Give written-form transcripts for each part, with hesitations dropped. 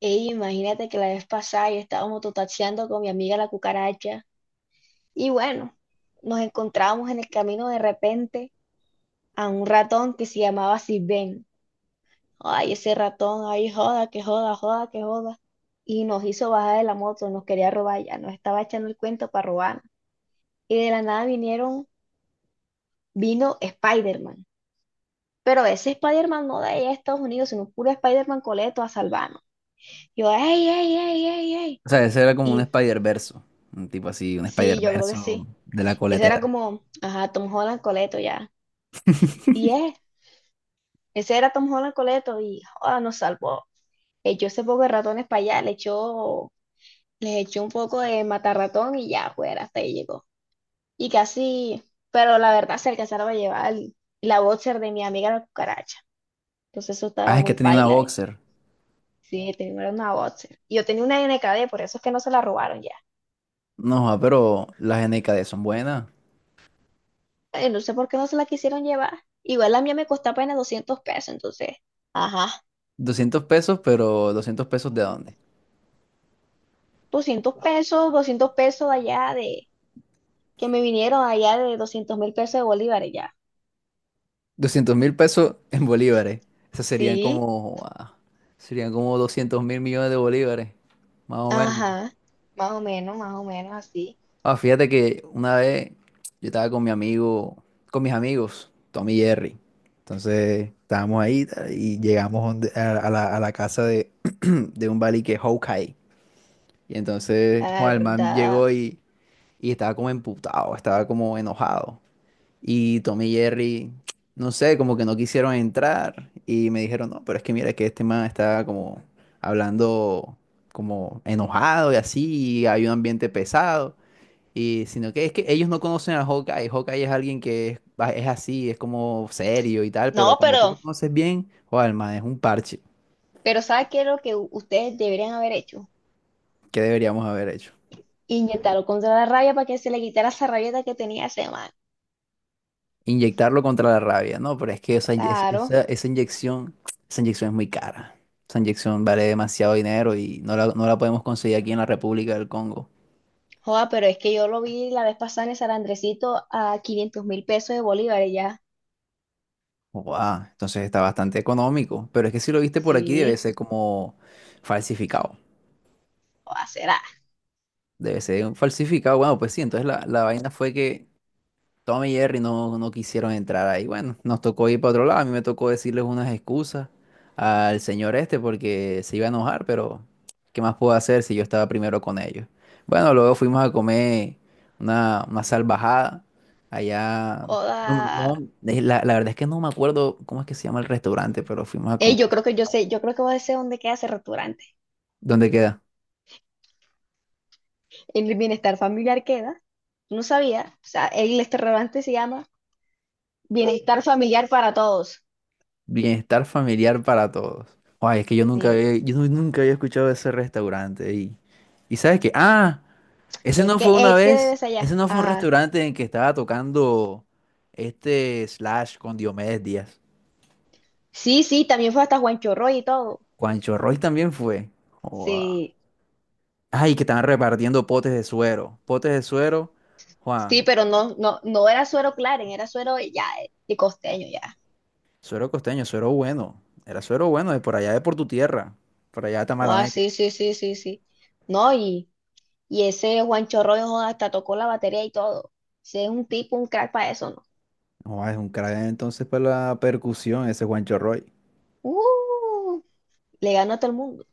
Ey, imagínate que la vez pasada yo estaba mototaxiando con mi amiga la cucaracha, y bueno, nos encontramos en el camino de repente a un ratón que se llamaba Sirven. Ay, ese ratón, ay, joda, que joda, joda, que joda. Y nos hizo bajar de la moto, nos quería robar ya, nos estaba echando el cuento para robar. Y de la nada vino Spider-Man. Pero ese Spider-Man no de allá de Estados Unidos, sino puro Spider-Man coleto a salvarnos. Yo, ey, ey, ey, ey, ey. O sea, ese era como un Y Spider-Verso. Un tipo así, un sí, yo creo que Spider-Verso sí. de la Ese era coletera. como, ajá, Tom Holland Coleto ya. Y es, ese era Tom Holland Coleto y joda, nos salvó. Echó ese poco de ratones para allá, le echó, les echó un poco de matarratón y ya fuera, hasta ahí llegó. Y casi, pero la verdad se alcanzaron a llevar la boxer de mi amiga la cucaracha. Entonces eso Ah, estaba es que muy tenía una paila. Boxer. Sí, tenía una boxer. Y yo tenía una NKD, por eso es que no se la robaron ya. No, ah, pero las NKD son buenas. No sé por qué no se la quisieron llevar. Igual la mía me costó apenas $200, entonces, ajá. ¿200 pesos, pero 200 pesos de dónde? $200, $200 allá de, que me vinieron allá de $200.000 de bolívares ya. 200.000 pesos en bolívares. Eso serían Sí, como, serían como 200.000 millones de bolívares, más o menos. ajá, más o menos así, Ah, fíjate que una vez yo estaba con mi amigo, con mis amigos, Tommy y Jerry. Entonces estábamos ahí tal, y llegamos a la casa de un Bali que es Hawkeye. Y entonces la joder, el man verdad. llegó y estaba como emputado, estaba como enojado. Y Tommy y Jerry, no sé, como que no quisieron entrar. Y me dijeron, no, pero es que mira que este man está como hablando como enojado y así, y hay un ambiente pesado. Y sino que es que ellos no conocen a Hawkeye. Hawkeye es alguien que es así, es como serio y tal, pero No, cuando tú lo conoces bien, Juan man es un parche. pero sabes qué es lo que ustedes deberían haber hecho? ¿Qué deberíamos haber hecho? Inyectarlo contra la rabia para que se le quitara esa rabieta que tenía ese man. Inyectarlo contra la rabia, ¿no? Pero es que esa, inye- es- Claro, esa, esa inyección, esa inyección es muy cara. Esa inyección vale demasiado dinero y no la podemos conseguir aquí en la República del Congo. joda, pero es que yo lo vi la vez pasada en el San Andresito a $500.000 de bolívares ya. Guau, entonces está bastante económico. Pero es que si lo viste por aquí debe Sí, ser como falsificado. joda, será. Debe ser un falsificado. Bueno, pues sí, entonces la vaina fue que Tom y Jerry no quisieron entrar ahí. Bueno, nos tocó ir para otro lado. A mí me tocó decirles unas excusas al señor este porque se iba a enojar, pero ¿qué más puedo hacer si yo estaba primero con ellos? Bueno, luego fuimos a comer una salvajada allá. No, Joda. no, la verdad es que no me acuerdo cómo es que se llama el restaurante, pero fuimos a Ey, comer. yo creo que yo sé, yo creo que voy a decir dónde queda ese restaurante. ¿Dónde queda? El bienestar familiar queda. No sabía. O sea, el restaurante se llama Bienestar Familiar para Todos. Bienestar familiar para todos. Ay, es que yo nunca Sí. había, yo nu- nunca había escuchado de ese restaurante. ¿Y sabes qué? Ah. Ese Es no que fue una este vez, debes allá. ese no fue un Ajá. restaurante en que estaba tocando este Slash con Diomedes Díaz. Sí, sí, también fue hasta Juan Chorroy y todo. Juancho Roy también fue. Joda. Sí. Ay, que estaban repartiendo potes de suero. Potes de suero, Sí, Juan, pero no, no, no era suero Claren, era suero ya de costeño ya. suero costeño, suero bueno. Era suero bueno de por allá de por tu tierra, por allá de Ah, Tamalameque. sí, sí, sí, sí, sí. No, y ese Juan Chorroy joda, hasta tocó la batería y todo. Ese es un tipo, un crack para eso, ¿no? Joda, es un crack entonces para la percusión ese Juancho Roy. Uh, le ganó a todo el mundo.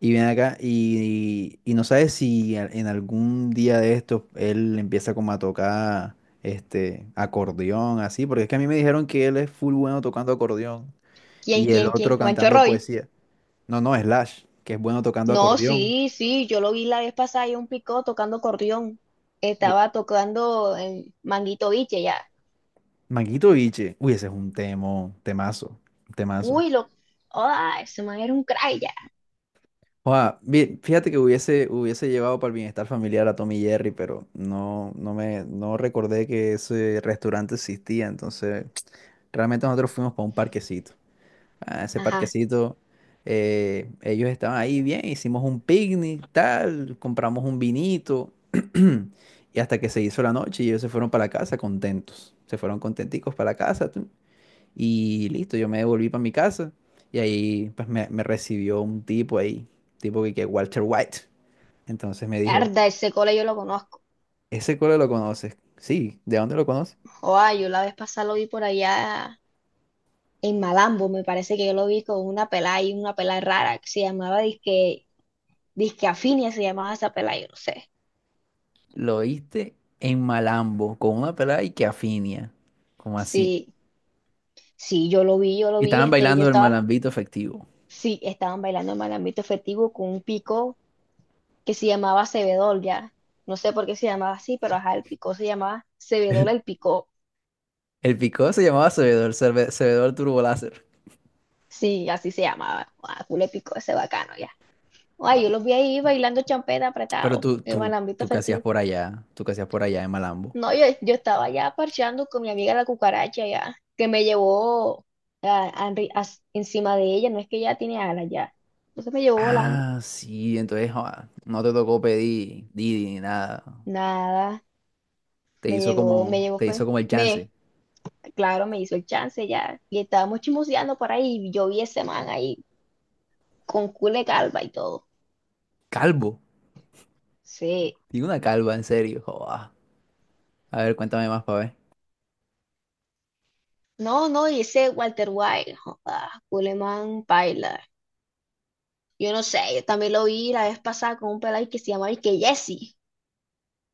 Y viene acá y no sabes si en algún día de estos él empieza como a tocar este acordeón, así, porque es que a mí me dijeron que él es full bueno tocando acordeón ¿Quién, y el quién, otro quién? Juan cantando Chorroy. poesía. No, no, Slash, que es bueno tocando No, acordeón. sí, sí, yo lo vi la vez pasada y un picó tocando corrión. Lo- Estaba tocando en Manguito Biche ya. Manguito Biche, uy, ese es un temazo, temazo. Uy, lo. ¡Ah! Ese man era un cray ya. Oa, bien, fíjate que hubiese llevado para el bienestar familiar a Tommy Jerry, pero no recordé que ese restaurante existía, entonces. Realmente nosotros fuimos para un parquecito. A ese Ajá. parquecito, ellos estaban ahí bien, hicimos un picnic, tal, compramos un vinito. Y hasta que se hizo la noche y ellos se fueron para la casa contentos. Se fueron contenticos para la casa. Y listo, yo me devolví para mi casa. Y ahí pues me recibió un tipo ahí, tipo que Walter White. Entonces me dijo, Arda, ese cole yo lo conozco. ¿ese coro lo conoces? Sí, ¿de dónde lo conoces? ¡Ah! Yo la vez pasada lo vi por allá en Malambo. Me parece que yo lo vi con una pelada y una pelada rara que se llamaba Disque, Disque Afinia, se llamaba esa pelada, yo no sé. Lo oíste en Malambo, con una pelada y que afinia. ¿Como así? Sí, sí, yo lo vi, yo lo Y vi. estaban Este, yo bailando el estaba. malambito efectivo. Sí, estaban bailando en Malambito Festivo con un pico que se llamaba Cebedol ya. No sé por qué se llamaba así, pero ajá, el picó se llamaba Cebedol el picó. El picó se llamaba Sabedor Turbo Láser. Sí, así se llamaba. Ah, culo picó ese bacano ya. Ay, yo Joder. los vi ahí bailando champeta Pero apretado, tú, en el tú, ámbito tú qué hacías festivo. por allá, tú qué hacías por allá en Malambo. No, yo estaba ya parchando con mi amiga la cucaracha ya, que me llevó a- a enri- a- encima de ella, no es que ya tiene alas ya. Entonces me llevó volando. Ah, sí, entonces joda, no te tocó pedir Didi ni nada. Nada, Te hizo me como, llegó te hizo fue. como el chance. Claro, me hizo el chance ya. Y estábamos chismoseando por ahí, y yo vi ese man ahí con Cule Calva y todo. Calvo. Sí. ¿Tiene una calva, en serio? Joda. A ver, cuéntame más para ver. No, no, y ese Walter White, joda, Culeman Paila. Yo no sé, yo también lo vi la vez pasada con un pelado que se llama y que Jesse.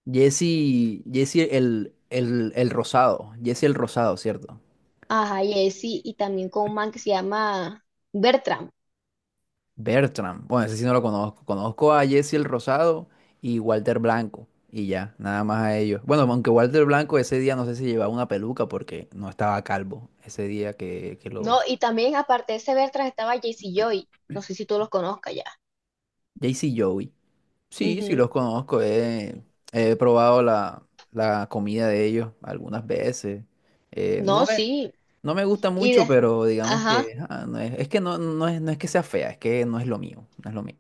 Jesse el rosado. Jesse el rosado, ¿cierto? Ajá, Jesse, y también con un man que se llama Bertram. Bertram. Bueno, ese sí no lo conozco. Conozco a Jesse el Rosado y Walter Blanco. Y ya, nada más a ellos. Bueno, aunque Walter Blanco ese día no sé si llevaba una peluca porque no estaba calvo. Ese día que lo... No, y también aparte de ese Bertram estaba Jesse Joy. No sé si tú los conozcas ya. Jesse y Joey. Sí, sí Ujú. los conozco. He probado la comida de ellos algunas veces. Eh, no No, me, sí. no me gusta Y mucho, de... pero digamos Ajá. que... no es, es que no, no es que sea fea, es que no es lo mío. No es lo mío.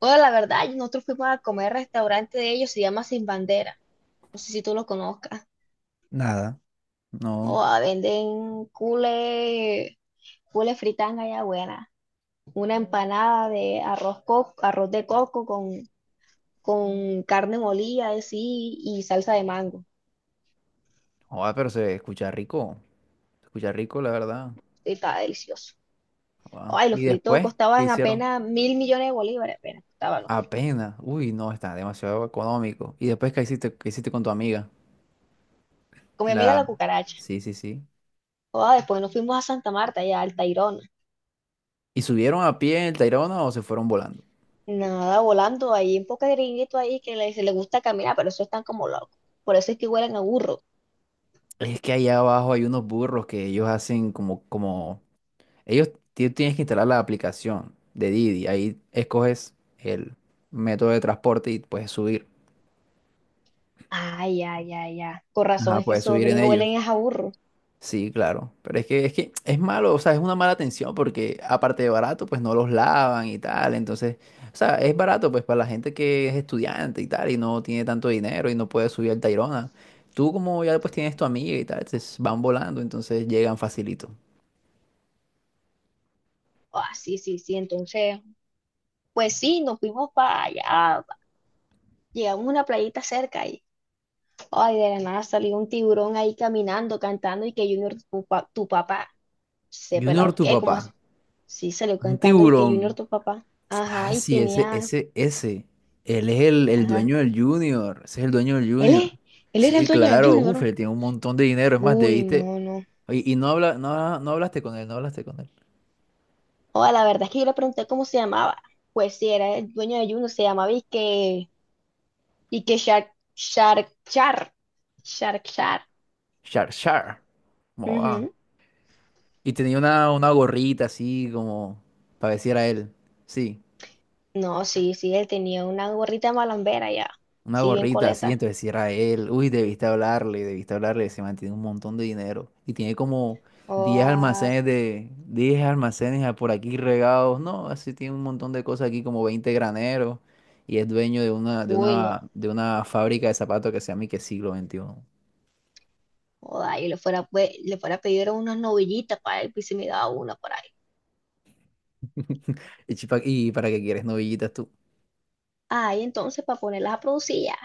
Bueno, la verdad, nosotros fuimos a comer al restaurante de ellos, se llama Sin Bandera. No sé si tú lo conozcas. Nada. O No. ah, venden cule fritanga ya buena. Una empanada de arroz, arroz de coco con carne molida así y salsa de mango. Joder, pero se escucha rico. Se escucha rico, la verdad. Y estaba delicioso. Ah. Ay, los ¿Y fritos después qué costaban hicieron? apenas 1.000 millones de bolívares, apenas costaban los fritos. Apenas. Uy, no, está demasiado económico. ¿Y después qué hiciste con tu amiga? Con mi amiga La... la cucaracha. Sí, sí, sí. Ah, después nos fuimos a Santa Marta, allá al Tayrona. ¿Y subieron a pie el Tayrona o se fueron volando? Nada, volando ahí, un poco de gringuito ahí que se le gusta caminar, pero eso están como locos. Por eso es que huelen a burro. Es que allá abajo hay unos burros que ellos hacen como, como... Ellos tienes que instalar la aplicación de Didi. Ahí escoges el método de transporte y puedes subir. Ay, ay, ay, ay. Con razón Ajá, es que puedes esos subir en gringos ellos. huelen es a burro. Sí, claro, pero es que es malo, o sea, es una mala atención porque aparte de barato, pues no los lavan y tal, entonces, o sea, es barato pues para la gente que es estudiante y tal y no tiene tanto dinero y no puede subir al Tayrona. Tú como ya pues tienes tu amiga y tal, entonces van volando, entonces llegan facilito. Ah, sí, sí, sí. Entonces, pues sí, nos fuimos para allá. Llegamos a una playita cerca y, ay, de la nada salió un tiburón ahí caminando, cantando y que Junior, tu papá, se Junior, pelado. tu ¿Qué? ¿Cómo así? papá, Sí, salió un cantando y que Junior, tiburón. tu papá. Ajá, Ah, y sí, ese, tenía, ese, ese. Él es el ajá. dueño del Junior. Ese es el dueño del Él Junior. es, él era el Sí, dueño del claro. Uf, Junior. él tiene un montón de dinero. Es más, Uy, debiste. no, no. Oye, y no hablaste con él, no hablaste con él. Oh, la verdad es que yo le pregunté cómo se llamaba. Pues sí, era el dueño de Junior, se llamaba y que y que Shark, Shark, Shark, Shark, Shark. Char, char. ¿Cómo va? Ujú. Y tenía una gorrita así como para decir a él. Sí. No, sí, sí, él tenía una gorrita malambera ya. Una Sí, bien gorrita así, coleta. entonces si era él, uy, debiste hablarle, se mantiene un montón de dinero. Y tiene como Oh, diez ah, almacenes de, diez almacenes a- por aquí regados, no, así tiene un montón de cosas aquí, como 20 graneros, y es dueño de una, de uy, no. una, de una fábrica de zapatos que se llama y que siglo XXI Joda, y le fuera, pues, le fuera a pedir unas novillitas para él, pues se me daba una por ahí. Y para qué quieres novillitas tú. Ay, entonces, para ponerlas a producir ya.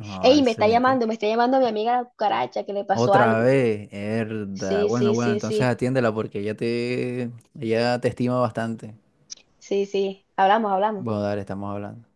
Ah, Ey, excelente. Me está llamando mi amiga la cucaracha, que le pasó Otra algo. vez, herda. Sí, Bueno, sí, bueno, sí, entonces sí, atiéndela porque ella te estima bastante. sí, sí. Hablamos, hablamos. Bueno, dale, estamos hablando.